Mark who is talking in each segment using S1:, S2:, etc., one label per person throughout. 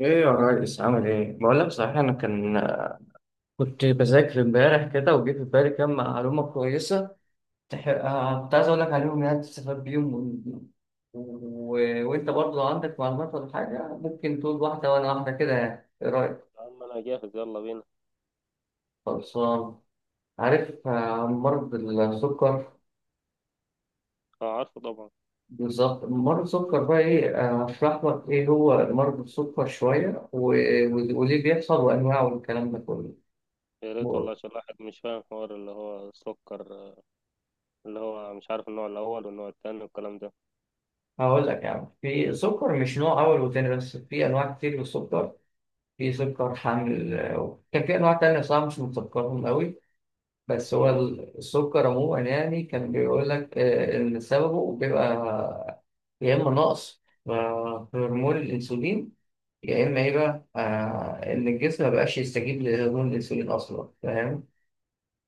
S1: ايه يا ريس، عامل ايه؟ بقول لك صحيح، انا كنت بذاكر امبارح كده، وجه في بالي كام معلومة كويسة. كنت عايز اقول لك عليهم، يعني تستفاد بيهم و... وانت برضه لو عندك معلومات ولا حاجة ممكن تقول واحدة وانا واحدة كده، يعني ايه رأيك؟
S2: يا عم انا جاهز، يلا بينا.
S1: خلصان. عارف مرض السكر؟
S2: اه، عارفه طبعا.
S1: بالظبط، مرض السكر بقى ايه؟ هشرح لك ايه هو مرض السكر شوية، وليه بيحصل، وانواعه، والكلام ده كله.
S2: يا ريت والله، عشان الواحد مش فاهم حوار اللي هو سكر، اللي هو مش عارف النوع الاول والنوع التاني والكلام ده.
S1: هقول لك يعني، في سكر مش نوع أول وتاني، بس في أنواع كتير من السكر. في سكر حامل، وكان في أنواع تانية صراحة مش متذكرهم أوي، بس هو
S2: تمام.
S1: السكر عموما يعني كان بيقول لك إن سببه بيبقى يا إما نقص في هرمون الأنسولين، يا إما إيه بقى، إن الجسم مبقاش يستجيب لهرمون الأنسولين أصلا، فاهم.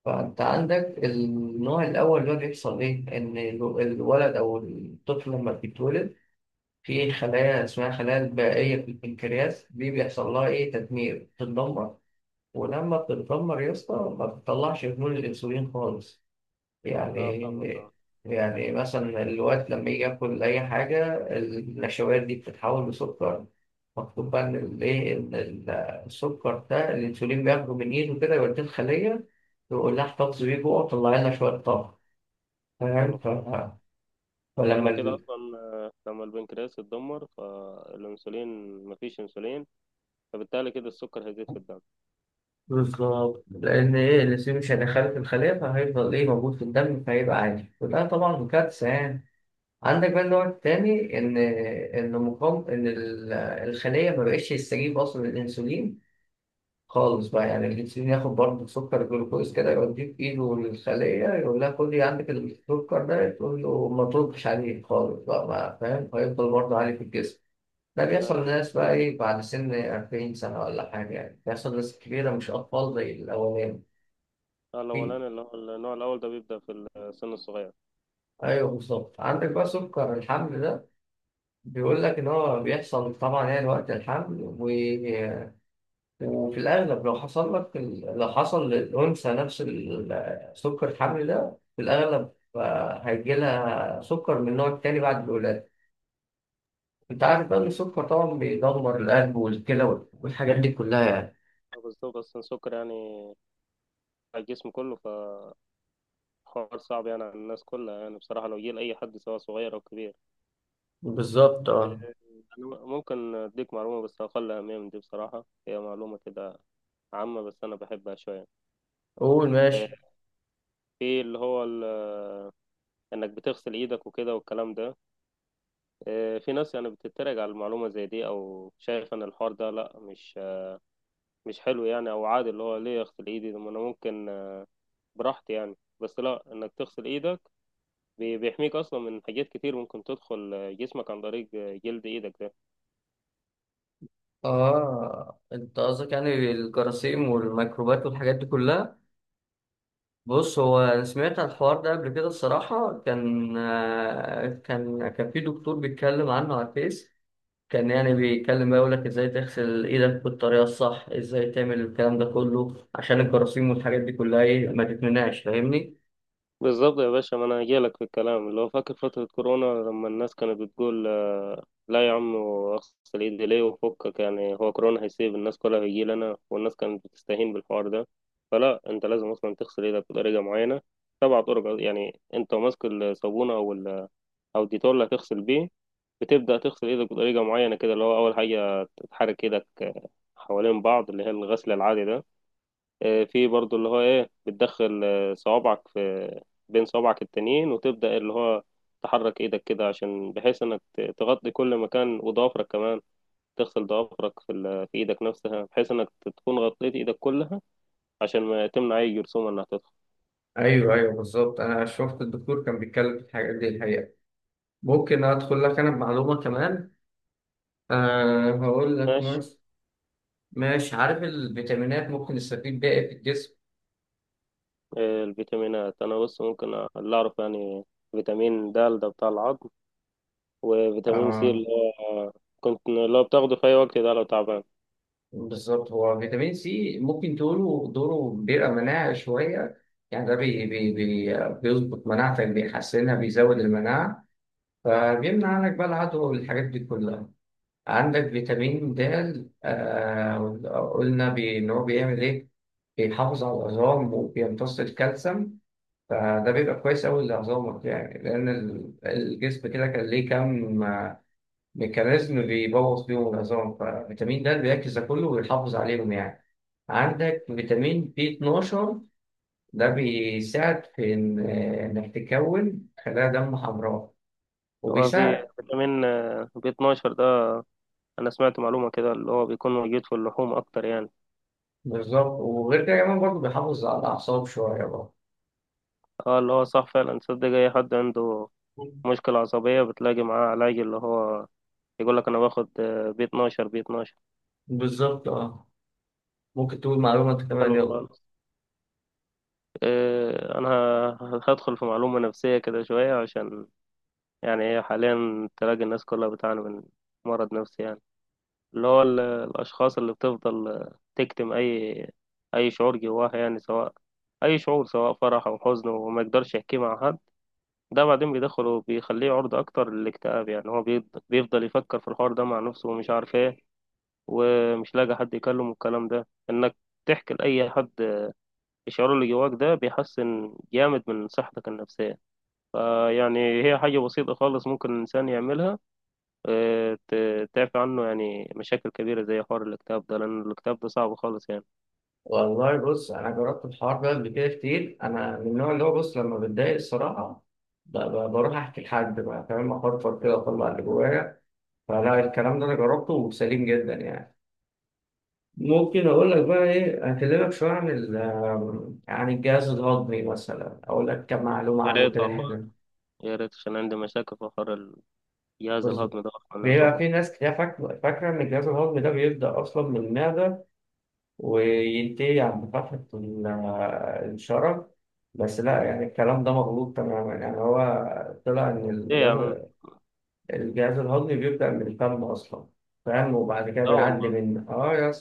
S1: فأنت عندك النوع الأول، اللي هو بيحصل إيه، إن الولد أو الطفل لما بيتولد في خلايا اسمها خلايا البائية في البنكرياس، دي بيحصل لها إيه، تدمير، بتتدمر. ولما بتتدمر يا اسطى ما بتطلعش هرمون الأنسولين خالص.
S2: اه فاهمك اه.
S1: يعني، يعني مثلا الوقت لما يجي ياكل أي حاجة، النشويات دي بتتحول لسكر. مكتوب بقى إن الإيه، السكر ده الأنسولين بياخده من إيده كده، يوديه الخلية، يقول لها احتفظ بيه جوه وطلع لنا شوية طاقة. فاهم.
S2: حلو خالص.
S1: فلما...
S2: يعني كده اصلا، لما البنكرياس اتدمر فالانسولين، مفيش انسولين، فبالتالي كده السكر هيزيد في الدم.
S1: بالظبط، لأن إيه، الأنسولين مش هيدخله في الخلية، فهيفضل إيه، موجود في الدم، فهيبقى عادي، وده طبعا كارثة يعني. عندك بقى النوع التاني، إن إن مقام الخلية ما بقتش تستجيب أصلا للأنسولين خالص بقى. يعني الأنسولين ياخد برضه سكر جلوكوز كده، يوديه في إيده للخلية، يقول لها خدي عندك السكر ده، تقول له ما تردش عليه خالص بقى، ما فاهم، فيفضل برضه عالي في الجسم. ده بيحصل
S2: ايوه. بس
S1: للناس بقى إيه، بعد سن 40 سنة ولا حاجة يعني، بيحصل لناس كبيرة مش أطفال زي الأولاني. فيه،
S2: الاولاني اللي هو النوع الاول ده بيبدا في السن الصغير.
S1: ايوه بالظبط. عندك بقى سكر الحمل ده، بيقول لك ان هو بيحصل طبعا يعني وقت الحمل، وفي الاغلب لو حصل لك لو حصل للانثى نفس سكر الحمل ده، في الاغلب هيجيلها سكر من النوع التاني بعد الولاده. انت عارف بقى ان السكر طبعا بيدمر القلب والكلى والحاجات دي كلها يعني.
S2: بالظبط، اصلا السكر يعني على الجسم كله، فحوار صعب يعني على الناس كلها، يعني بصراحه لو جه لاي حد سواء صغير او كبير.
S1: بالظبط اه.
S2: أنا ممكن أديك معلومة، بس أقل أهمية من دي، بصراحة هي معلومة كده عامة بس أنا بحبها شوية.
S1: قول
S2: إيه،
S1: ماشي.
S2: في إنك بتغسل إيدك وكده والكلام ده. إيه، في ناس يعني بتتريق على المعلومة زي دي، أو شايف إن الحوار ده لأ، مش حلو يعني، أو عادي اللي هو ليه أغسل إيدي ده، ما أنا ممكن براحتي يعني. بس لأ، إنك تغسل إيدك بيحميك أصلا من حاجات كتير ممكن تدخل جسمك عن طريق جلد إيدك ده.
S1: اه، انت قصدك يعني الجراثيم والميكروبات والحاجات دي كلها. بص، هو أنا سمعت عن الحوار ده قبل كده الصراحة، كان كان في دكتور بيتكلم عنه على الفيس، كان يعني بيتكلم بقى يقول لك ازاي تغسل ايدك بالطريقة الصح، ازاي تعمل الكلام ده كله عشان الجراثيم والحاجات دي كلها ايه، ما تتمنعش، فاهمني.
S2: بالظبط يا باشا، ما انا هجيلك في الكلام اللي هو فاكر فترة كورونا لما الناس كانت بتقول لا يا عم اغسل ايدي ليه وفكك، يعني هو كورونا هيسيب الناس كلها، هيجي لنا، والناس كانت بتستهين بالحوار ده. فلا انت لازم اصلا تغسل ايدك بطريقة معينة، سبع طرق. يعني انت ماسك الصابونة او او الديتول اللي هتغسل بيه، بتبدأ تغسل ايدك بطريقة معينة كده. اللي هو اول حاجة تحرك ايدك حوالين بعض، اللي هي الغسل العادي ده. في برضو اللي هو ايه، بتدخل صوابعك في بين صوابعك التانيين، وتبدأ اللي هو تحرك ايدك كده عشان بحيث انك تغطي كل مكان، وضوافرك كمان تغسل ضوافرك في، في ايدك نفسها بحيث انك تكون غطيت ايدك كلها عشان ما تمنع اي جرثومة انها تدخل.
S1: ايوه ايوه بالظبط، انا شفت الدكتور كان بيتكلم في الحاجات دي الحقيقه. ممكن ادخل لك انا بمعلومه كمان؟ أه هقول لك.
S2: ماشي.
S1: ماشي ماشي. عارف الفيتامينات ممكن نستفيد بيها إيه في
S2: الفيتامينات انا بص، ممكن اللي اعرف يعني، فيتامين د ده بتاع العظم، وفيتامين سي
S1: الجسم؟
S2: اللي هو كنت اللي هو بتاخده في اي وقت ده لو تعبان.
S1: بالظبط، هو فيتامين سي ممكن تقوله دوره بيبقى مناعة شوية، يعني ده بي بي بي بيظبط مناعتك، بيحسنها، بيزود المناعة، فبيمنع عنك بقى العدوى والحاجات دي كلها. عندك فيتامين د، قلنا إن هو بيعمل إيه؟ بيحافظ على العظام، وبيمتص الكالسيوم، فده بيبقى كويس أوي لعظامك يعني، لأن الجسم كده كان ليه كام ميكانيزم بيبوظ بيهم العظام، ففيتامين د بيركز ده كله ويحافظ عليهم يعني. عندك فيتامين بي 12، ده بيساعد في إنك تكون خلايا دم حمراء،
S2: هو في
S1: وبيساعد...
S2: فيتامين بي 12، انا سمعت معلومة كده اللي هو بيكون موجود في اللحوم اكتر يعني.
S1: بالظبط، وغير كده كمان برضه بيحافظ على الأعصاب شوية برضه.
S2: اه، اللي هو صح فعلا. تصدق اي حد عنده مشكلة عصبية بتلاقي معاه علاج اللي هو يقول لك انا باخد بي 12، بي 12.
S1: بالظبط اه. ممكن تقول معلومة انت كمان،
S2: حلو
S1: يلا.
S2: خالص. انا هدخل في معلومة نفسية كده شوية، عشان يعني هي حاليا تلاقي الناس كلها بتعاني من مرض نفسي يعني. اللي هو الاشخاص اللي بتفضل تكتم اي شعور جواها، يعني سواء اي شعور، سواء فرح او حزن، وما يقدرش يحكيه مع حد. ده بعدين بيدخله، بيخليه عرضة أكتر للاكتئاب. يعني هو بيفضل يفكر في الحوار ده مع نفسه ومش عارف إيه، ومش لاقي حد يكلمه. الكلام ده إنك تحكي لأي حد الشعور اللي جواك ده، بيحسن جامد من صحتك النفسية. فيعني هي حاجة بسيطة خالص ممكن الإنسان يعملها، تعفي عنه يعني مشاكل كبيرة زي حوار الاكتئاب ده، لأن الاكتئاب ده صعب خالص يعني.
S1: والله بص، انا جربت الحوار ده قبل كده كتير، انا من النوع اللي هو، بص لما بتضايق الصراحة بروح احكي لحد بقى، فاهم، افرفر كده، اطلع اللي جوايا. فلا الكلام ده انا جربته وسليم جدا يعني. ممكن اقول لك بقى ايه، اكلمك شويه عن ال- آم، عن الجهاز الهضمي مثلا، اقول لك كم معلومه
S2: يا
S1: عنه
S2: ريت
S1: كده،
S2: والله.
S1: حلو.
S2: يا ريت عشان عندي مشاكل في حوار الجهاز
S1: بص،
S2: الهضمي ده، أصلا
S1: بيبقى
S2: يعتبر
S1: في ناس كتير فاكره ان الجهاز الهضمي ده بيبدا اصلا من المعده، وينتهي عند فتحه الشرج، بس لا، يعني الكلام ده مغلوط تماما، يعني هو طلع ان
S2: إيه يا عم.
S1: الجهاز الهضمي بيبدا من الفم اصلا. فاهم. وبعد كده
S2: لا
S1: بيعدي
S2: والله.
S1: من اه يا...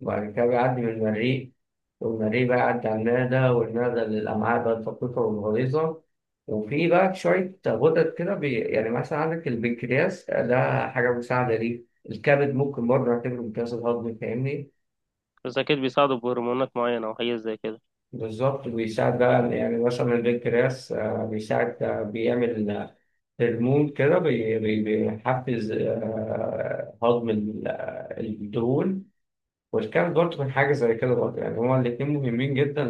S1: وبعد كده بيعدي من المريء، والمريء بقى يعدي على المعدة، والمعدة للأمعاء بقى الدقيقة والغليظة. وفي بقى شوية غدد كده يعني مثلا عندك البنكرياس، ده حاجة مساعدة ليه. الكبد ممكن برضه نعتبره بنكرياس الهضمي، فاهمني.
S2: بس أكيد بيساعدوا بهرمونات معينة أو حاجات زي كده.
S1: بالظبط، بيساعد بقى، يعني مثلا البنكرياس بيساعد بيعمل هرمون كده، بيحفز هضم الدهون، والكبد برضه من حاجة زي كده برضه يعني، هما الاتنين مهمين جدا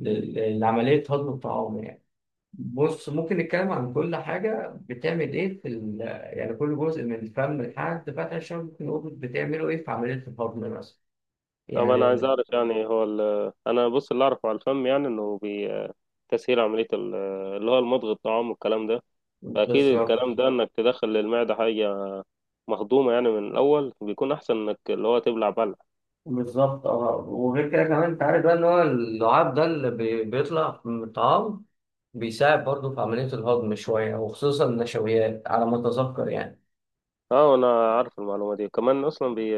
S1: لعملية هضم الطعام يعني. بص، ممكن نتكلم عن كل حاجة بتعمل إيه في ال... يعني كل جزء من الفم لحد فتح الشم ممكن نقول بتعمله إيه في عملية الهضم مثلا
S2: طب انا عايز
S1: يعني.
S2: اعرف، يعني هو انا بص اللي اعرفه على الفم، يعني انه تسهيل عملية اللي هو المضغ الطعام والكلام ده. فاكيد
S1: بالظبط
S2: الكلام ده انك تدخل للمعدة حاجة مهضومة يعني، من الاول بيكون احسن انك اللي هو تبلع بلع.
S1: بالظبط اه، وغير كده كمان أنت عارف بقى إن هو اللعاب ده اللي بيطلع من الطعام بيساعد برضه في عملية الهضم شوية، وخصوصا النشويات على ما أتذكر يعني.
S2: اه، انا عارف المعلومة دي كمان. اصلا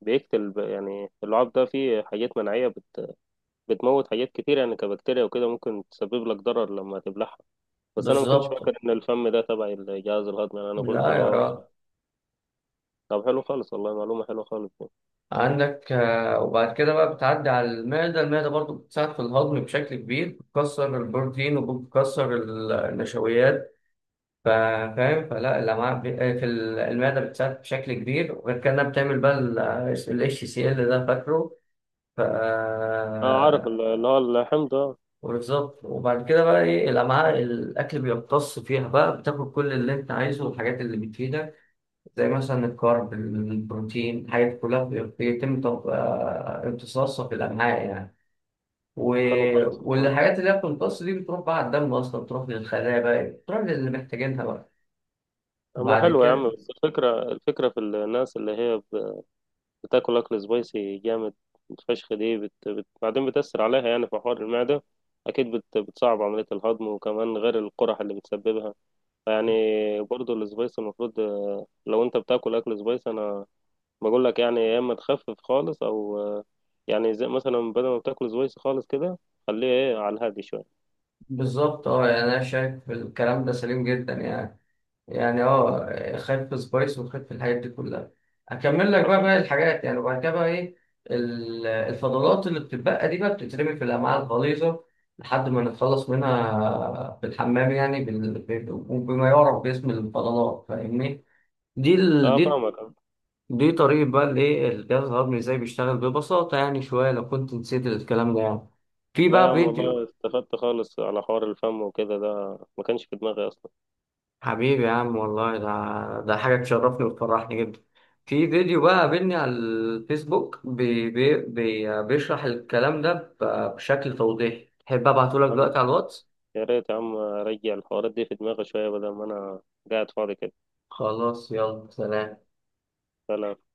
S2: بيقتل يعني اللعاب ده فيه حاجات مناعية بتموت حاجات كتير يعني، كبكتيريا وكده ممكن تسبب لك ضرر لما تبلعها. بس انا ما كنتش
S1: بالظبط.
S2: فاكر ان الفم ده تبع الجهاز الهضمي يعني، انا قلت
S1: لا
S2: اللي
S1: يا راجل.
S2: هو. طب حلو خالص والله، معلومة حلوة خالص.
S1: عندك وبعد كده بقى بتعدي على المعدة، المعدة برضو بتساعد في الهضم بشكل كبير، بتكسر البروتين وبتكسر النشويات. فاهم. فلا الأمعاء في المعدة بتساعد بشكل كبير، وغير كده إنها بتعمل بقى ال اتش سي ال ده، فاكره. ف...
S2: اه، عارف اللي هو اللحم ده.
S1: وبالظبط، وبعد كده بقى ايه، الأمعاء الأكل بيمتص فيها بقى، بتاكل كل اللي أنت عايزه والحاجات اللي بتفيدك، زي مثلا الكارب، البروتين، الحاجات دي كلها بي- بيتم تم- آه، امتصاصها في الأمعاء يعني. و...
S2: حلو خالص والله.
S1: والحاجات اللي هي بتمتص دي بتروح بقى على الدم أصلا، بتروح للخلايا بقى، بتروح للي محتاجينها بقى
S2: اما
S1: بعد
S2: حلو يا عم،
S1: كده.
S2: بس الفكرة في الناس اللي هي بتاكل اكل سبايسي جامد فشخ، دي بعدين بتأثر عليها يعني في حوار المعدة. اكيد بتصعب عملية الهضم، وكمان غير القرح اللي بتسببها يعني. برضو السبايسي المفروض، لو انت بتاكل اكل سبايسي، انا بقول لك يعني يا اما تخفف خالص، او يعني زي مثلا بدل ما بتاكل سبايسي خالص كده، خليه ايه على الهادي شوية.
S1: بالظبط اه، يعني أنا شايف الكلام ده سليم جدا يعني، يعني اه خايف في سبايس وخايف في الحاجات دي كلها. هكمل لك بقى باقي
S2: حصل.
S1: الحاجات يعني، وبعد كده بقى ايه، الفضلات اللي بتتبقى دي بقى بتترمي في الامعاء الغليظه لحد ما نتخلص منها في الحمام يعني، وبما يعرف باسم الفضلات، فاهمني. دي ال...
S2: اه
S1: دي
S2: فاهمك آه.
S1: دي طريقة بقى الايه الجهاز الهضمي ازاي بيشتغل ببساطة، يعني شوية لو كنت نسيت الكلام ده يعني. في
S2: لا يا
S1: بقى
S2: عم والله،
S1: فيديو...
S2: استفدت خالص على حوار الفم وكده، ده ما كانش في دماغي اصلا.
S1: حبيبي يا عم، والله ده حاجة تشرفني وتفرحني جدا. في فيديو بقى قابلني على الفيسبوك بي بي بي بيشرح الكلام ده بشكل توضيحي، تحب ابعته لك
S2: يا
S1: دلوقتي
S2: عم،
S1: على الواتس؟
S2: يا ريت يا عم ارجع الحوارات دي في دماغي شويه، بدل ما انا قاعد فاضي كده.
S1: خلاص، يلا سلام.
S2: فلا